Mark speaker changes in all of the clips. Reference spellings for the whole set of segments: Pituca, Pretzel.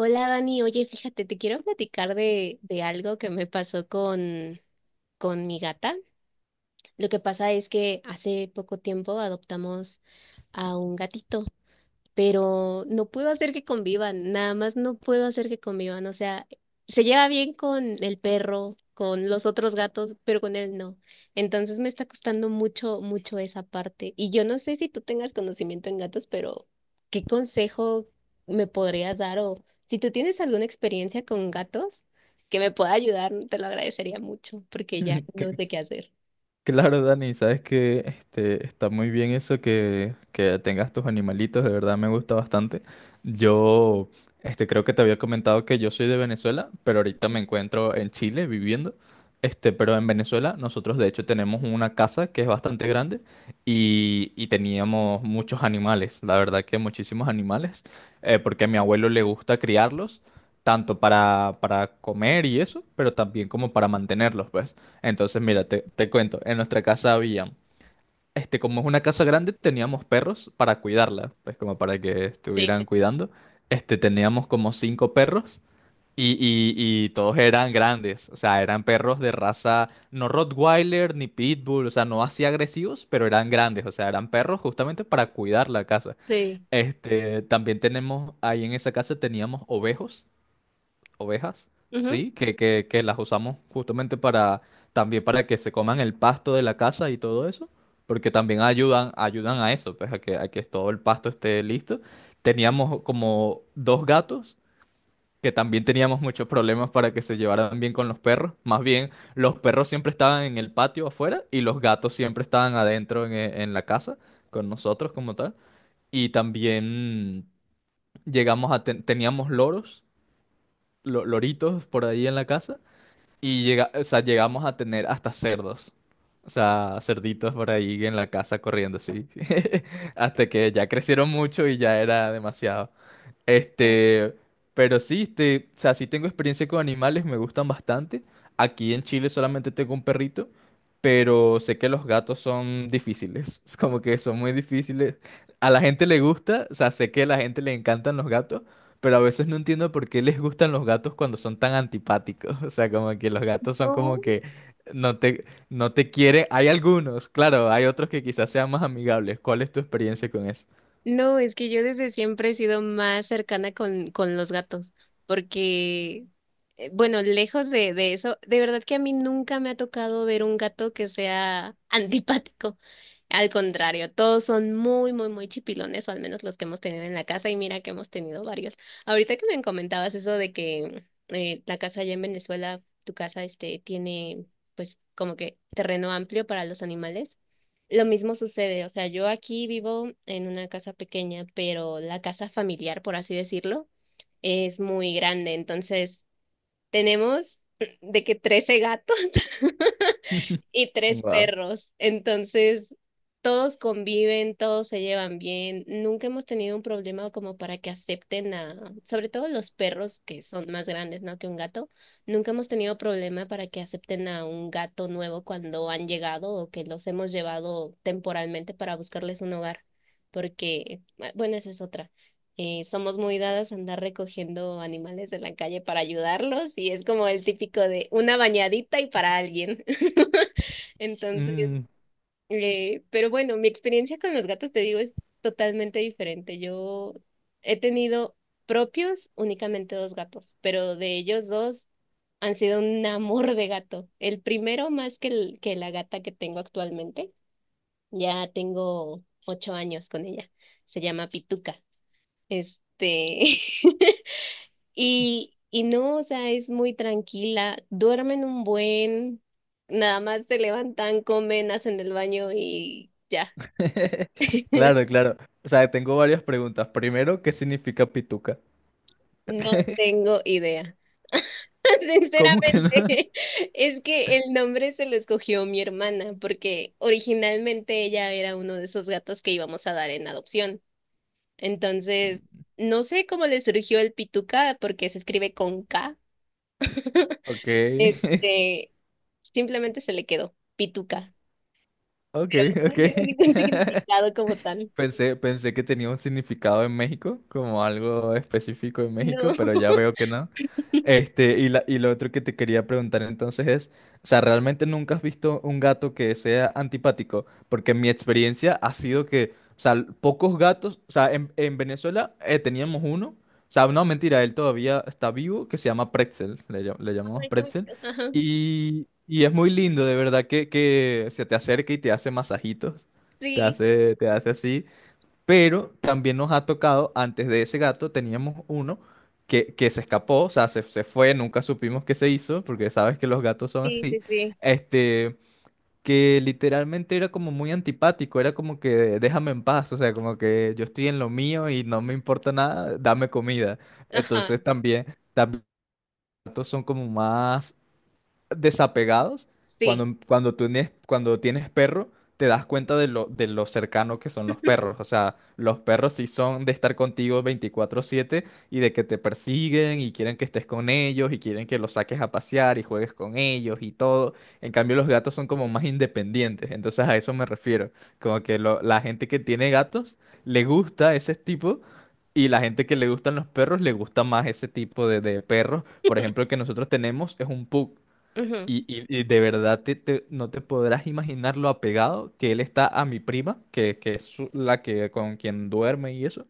Speaker 1: Hola Dani, oye, fíjate, te quiero platicar de algo que me pasó con mi gata. Lo que pasa es que hace poco tiempo adoptamos a un gatito, pero no puedo hacer que convivan, nada más no puedo hacer que convivan, o sea, se lleva bien con el perro, con los otros gatos, pero con él no. Entonces me está costando mucho, mucho esa parte. Y yo no sé si tú tengas conocimiento en gatos, pero ¿qué consejo me podrías dar? O si tú tienes alguna experiencia con gatos que me pueda ayudar, te lo agradecería mucho, porque ya
Speaker 2: Que-
Speaker 1: no sé qué hacer.
Speaker 2: Claro, Dani, sabes que está muy bien eso que tengas tus animalitos, de verdad me gusta bastante. Yo creo que te había comentado que yo soy de Venezuela, pero ahorita me encuentro en Chile viviendo. Pero en Venezuela nosotros de hecho tenemos una casa que es bastante grande y, teníamos muchos animales, la verdad que muchísimos animales, porque a mi abuelo le gusta criarlos, tanto para comer y eso, pero también como para mantenerlos, pues. Entonces, mira, te cuento, en nuestra casa había, como es una casa grande, teníamos perros para cuidarla, pues como para que
Speaker 1: Sí,
Speaker 2: estuvieran
Speaker 1: sí.
Speaker 2: cuidando. Teníamos como cinco perros y, y- y todos eran grandes, o sea, eran perros de raza, no Rottweiler ni Pitbull, o sea, no así agresivos, pero eran grandes, o sea, eran perros justamente para cuidar la casa.
Speaker 1: Sí.
Speaker 2: También tenemos, ahí en esa casa teníamos ovejos ovejas,
Speaker 1: Ujú.
Speaker 2: sí, que las usamos justamente para también para que se coman el pasto de la casa y todo eso, porque también ayudan a eso, pues a a que todo el pasto esté listo. Teníamos como dos gatos que también teníamos muchos problemas para que se llevaran bien con los perros. Más bien, los perros siempre estaban en el patio afuera y los gatos siempre estaban adentro en la casa con nosotros como tal. Y también teníamos loros, loritos por ahí en la casa y llegamos a tener hasta cerdos. O sea, cerditos por ahí en la casa corriendo así. Hasta que ya crecieron mucho y ya era demasiado. Este, pero sí, o sea, sí tengo experiencia con animales, me gustan bastante. Aquí en Chile solamente tengo un perrito, pero sé que los gatos son difíciles, es como que son muy difíciles. A la gente le gusta, o sea, sé que a la gente le encantan los gatos, pero a veces no entiendo por qué les gustan los gatos cuando son tan antipáticos. O sea, como que los gatos son como
Speaker 1: No.
Speaker 2: que no te quieren. Hay algunos, claro, hay otros que quizás sean más amigables. ¿Cuál es tu experiencia con eso?
Speaker 1: No, es que yo desde siempre he sido más cercana con los gatos, porque, bueno, lejos de eso, de verdad que a mí nunca me ha tocado ver un gato que sea antipático. Al contrario, todos son muy, muy, muy chipilones, o al menos los que hemos tenido en la casa, y mira que hemos tenido varios. Ahorita que me comentabas eso de que la casa allá en Venezuela, tu casa, tiene, pues, como que terreno amplio para los animales. Lo mismo sucede, o sea, yo aquí vivo en una casa pequeña, pero la casa familiar, por así decirlo, es muy grande, entonces tenemos de que 13 gatos y tres
Speaker 2: Wow.
Speaker 1: perros. Entonces, todos conviven, todos se llevan bien. Nunca hemos tenido un problema como para que acepten a, sobre todo los perros que son más grandes, ¿no?, que un gato. Nunca hemos tenido problema para que acepten a un gato nuevo cuando han llegado o que los hemos llevado temporalmente para buscarles un hogar. Porque, ah, bueno, esa es otra. Somos muy dadas a andar recogiendo animales de la calle para ayudarlos y es como el típico de una bañadita y para alguien. Entonces, pero bueno, mi experiencia con los gatos, te digo, es totalmente diferente. Yo he tenido propios únicamente dos gatos, pero de ellos dos han sido un amor de gato. El primero más que, que la gata que tengo actualmente. Ya tengo 8 años con ella. Se llama Pituca. Este, y no, o sea, es muy tranquila, duermen un buen, nada más se levantan, comen, hacen el baño y ya.
Speaker 2: Claro, claro. O sea, tengo varias preguntas. Primero, ¿qué significa pituca?
Speaker 1: No tengo idea.
Speaker 2: ¿Cómo que no?
Speaker 1: Sinceramente, es que el nombre se lo escogió mi hermana, porque originalmente ella era uno de esos gatos que íbamos a dar en adopción. Entonces, no sé cómo le surgió el pituca, porque se escribe con K.
Speaker 2: Ok,
Speaker 1: Este, Simplemente se le quedó pituca,
Speaker 2: ok,
Speaker 1: pero eso
Speaker 2: ok.
Speaker 1: no tiene ningún significado como tal.
Speaker 2: Pensé que tenía un significado en México, como algo específico en México,
Speaker 1: No,
Speaker 2: pero ya veo que no. Y y lo otro que te quería preguntar entonces es, o sea, ¿realmente nunca has visto un gato que sea antipático? Porque mi experiencia ha sido que, o sea, pocos gatos, o sea, en Venezuela teníamos uno, o sea, no, mentira, él todavía está vivo, que se llama Pretzel, le llamamos
Speaker 1: ay, qué
Speaker 2: Pretzel,
Speaker 1: bonito. Ajá,
Speaker 2: y, es muy lindo, de verdad, que se te acerca y te hace masajitos.
Speaker 1: sí,
Speaker 2: Te hace así. Pero también nos ha tocado, antes de ese gato, teníamos uno que se escapó, o sea, se fue, nunca supimos qué se hizo, porque sabes que los gatos son
Speaker 1: sí, sí,
Speaker 2: así.
Speaker 1: sí.
Speaker 2: Este, que literalmente era como muy antipático, era como que déjame en paz, o sea, como que yo estoy en lo mío y no me importa nada, dame comida.
Speaker 1: Ajá,
Speaker 2: Entonces también, también los gatos son como más desapegados,
Speaker 1: sí.
Speaker 2: cuando tú tienes, cuando tienes perro, te das cuenta de de lo cercano que son los perros. O sea, los perros sí son de estar contigo 24/7 y de que te persiguen y quieren que estés con ellos y quieren que los saques a pasear y juegues con ellos y todo. En cambio, los gatos son como más independientes. Entonces a eso me refiero. Como que la gente que tiene gatos le gusta ese tipo. Y la gente que le gustan los perros le gusta más ese tipo de perros. Por ejemplo, el que nosotros tenemos es un pug.
Speaker 1: Ujú,
Speaker 2: Y de verdad no te podrás imaginar lo apegado que él está a mi prima, que es la que con quien duerme y eso,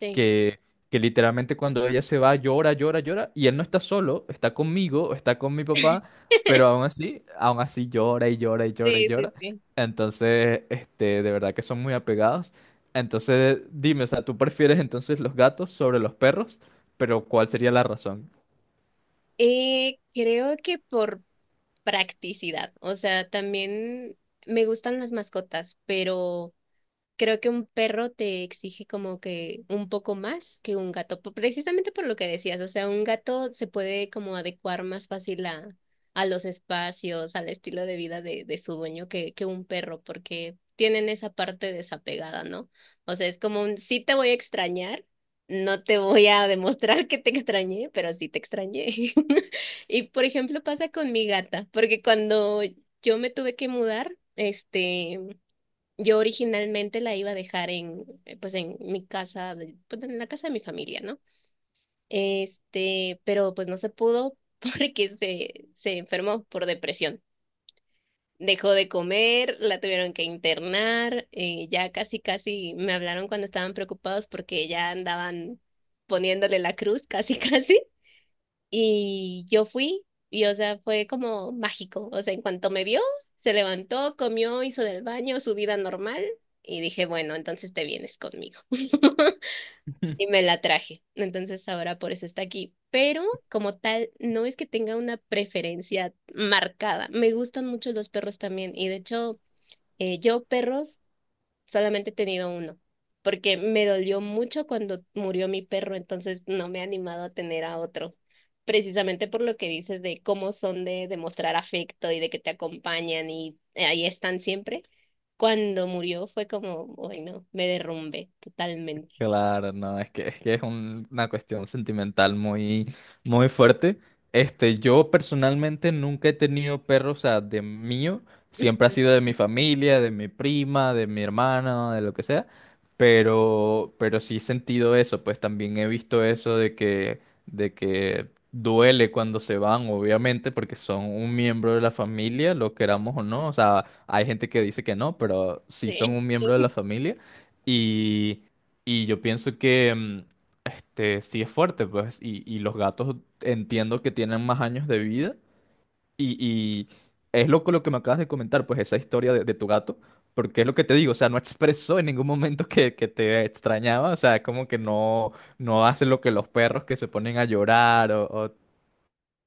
Speaker 1: sí.
Speaker 2: que, que literalmente cuando ella se va llora, llora, llora, y él no está solo, está conmigo, está con mi papá, pero aún así llora y llora y llora y
Speaker 1: Sí, sí,
Speaker 2: llora.
Speaker 1: sí.
Speaker 2: Entonces, de verdad que son muy apegados. Entonces, dime, o sea, ¿tú prefieres entonces los gatos sobre los perros? Pero ¿cuál sería la razón?
Speaker 1: Creo que por practicidad, o sea, también me gustan las mascotas, pero creo que un perro te exige como que un poco más que un gato, precisamente por lo que decías, o sea, un gato se puede como adecuar más fácil a los espacios, al estilo de vida de su dueño que un perro, porque tienen esa parte desapegada, ¿no? O sea, es como un sí te voy a extrañar, no te voy a demostrar que te extrañé, pero sí te extrañé. Y por ejemplo pasa con mi gata, porque cuando yo me tuve que mudar, este... Yo originalmente la iba a dejar en, pues en mi casa, pues en la casa de mi familia, ¿no? Pero pues no se pudo porque se enfermó por depresión. Dejó de comer, la tuvieron que internar, ya casi casi me hablaron cuando estaban preocupados porque ya andaban poniéndole la cruz, casi casi. Y yo fui y, o sea, fue como mágico. O sea, en cuanto me vio, se levantó, comió, hizo del baño, su vida normal. Y dije, bueno, entonces te vienes conmigo. Y me la traje. Entonces ahora por eso está aquí. Pero como tal, no es que tenga una preferencia marcada. Me gustan mucho los perros también. Y de hecho, yo perros solamente he tenido uno, porque me dolió mucho cuando murió mi perro, entonces no me he animado a tener a otro. Precisamente por lo que dices de cómo son de demostrar afecto y de que te acompañan y ahí están siempre. Cuando murió fue como, bueno, me derrumbé totalmente.
Speaker 2: Claro, no, es que es una cuestión sentimental muy, muy fuerte. Yo personalmente nunca he tenido perros, o sea, de mío, siempre ha sido de mi familia, de mi prima, de mi hermana, de lo que sea, pero sí he sentido eso, pues también he visto eso de de que duele cuando se van, obviamente, porque son un miembro de la familia, lo queramos o no, o sea, hay gente que dice que no, pero sí son
Speaker 1: Sí.
Speaker 2: un miembro de la familia. Y yo pienso que sí es fuerte, pues, y, los gatos entiendo que tienen más años de vida. Y, es loco lo que me acabas de comentar, pues, esa historia de tu gato, porque es lo que te digo, o sea, no expresó en ningún momento que te extrañaba, o sea, es como que no, no hace lo que los perros que se ponen a llorar o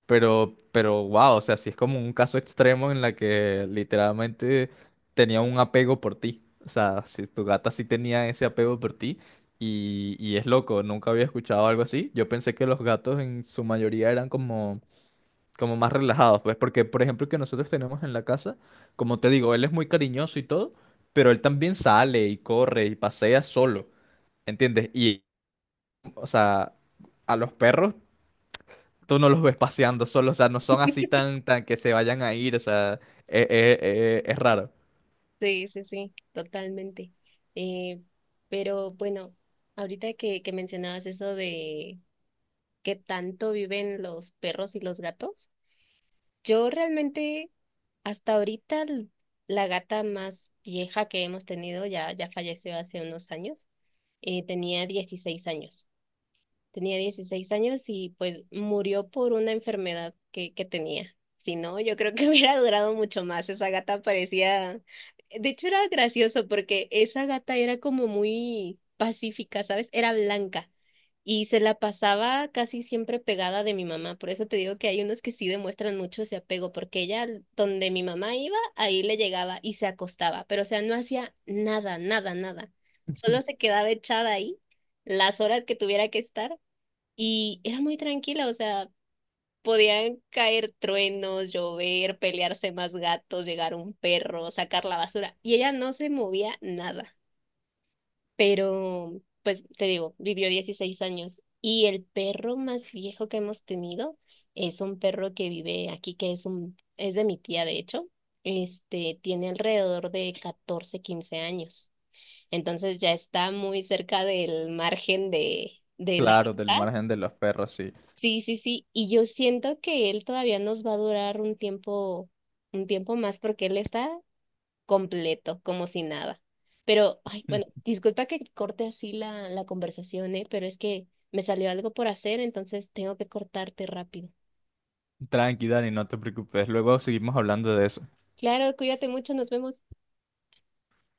Speaker 2: pero, wow, o sea, sí es como un caso extremo en la que literalmente tenía un apego por ti. O sea, si tu gata sí tenía ese apego por ti. Y, es loco, nunca había escuchado algo así. Yo pensé que los gatos en su mayoría eran como, como más relajados, pues, porque, por ejemplo, el que nosotros tenemos en la casa, como te digo, él es muy cariñoso y todo, pero él también sale y corre y pasea solo, ¿entiendes? Y, o sea, a los perros tú no los ves paseando solo, o sea, no son así tan, tan que se vayan a ir, o sea, es raro.
Speaker 1: Sí, sí, sí, totalmente. Eh, pero bueno, ahorita que mencionabas eso de qué tanto viven los perros y los gatos. Yo realmente, hasta ahorita, la gata más vieja que hemos tenido ya falleció hace unos años. Tenía 16 años. Tenía 16 años y pues murió por una enfermedad que tenía. Si no, yo creo que hubiera durado mucho más. Esa gata parecía... De hecho, era gracioso porque esa gata era como muy pacífica, ¿sabes? Era blanca y se la pasaba casi siempre pegada de mi mamá. Por eso te digo que hay unos que sí demuestran mucho ese apego, porque ella, donde mi mamá iba, ahí le llegaba y se acostaba. Pero, o sea, no hacía nada, nada, nada. Solo se quedaba echada ahí las horas que tuviera que estar y era muy tranquila, o sea, podían caer truenos, llover, pelearse más gatos, llegar un perro, sacar la basura, y ella no se movía nada. Pero, pues te digo, vivió 16 años. Y el perro más viejo que hemos tenido es un perro que vive aquí, que es es de mi tía, de hecho. Tiene alrededor de 14 15 años. Entonces ya está muy cerca del margen de la
Speaker 2: Claro, del
Speaker 1: edad.
Speaker 2: margen de los perros, sí.
Speaker 1: Sí, sí, sí, y yo siento que él todavía nos va a durar un tiempo más porque él está completo, como si nada. Pero, ay, bueno, disculpa que corte así la conversación, ¿eh? Pero es que me salió algo por hacer, entonces tengo que cortarte rápido.
Speaker 2: Tranqui, Dani, no te preocupes, luego seguimos hablando de eso.
Speaker 1: Claro, cuídate mucho, nos vemos.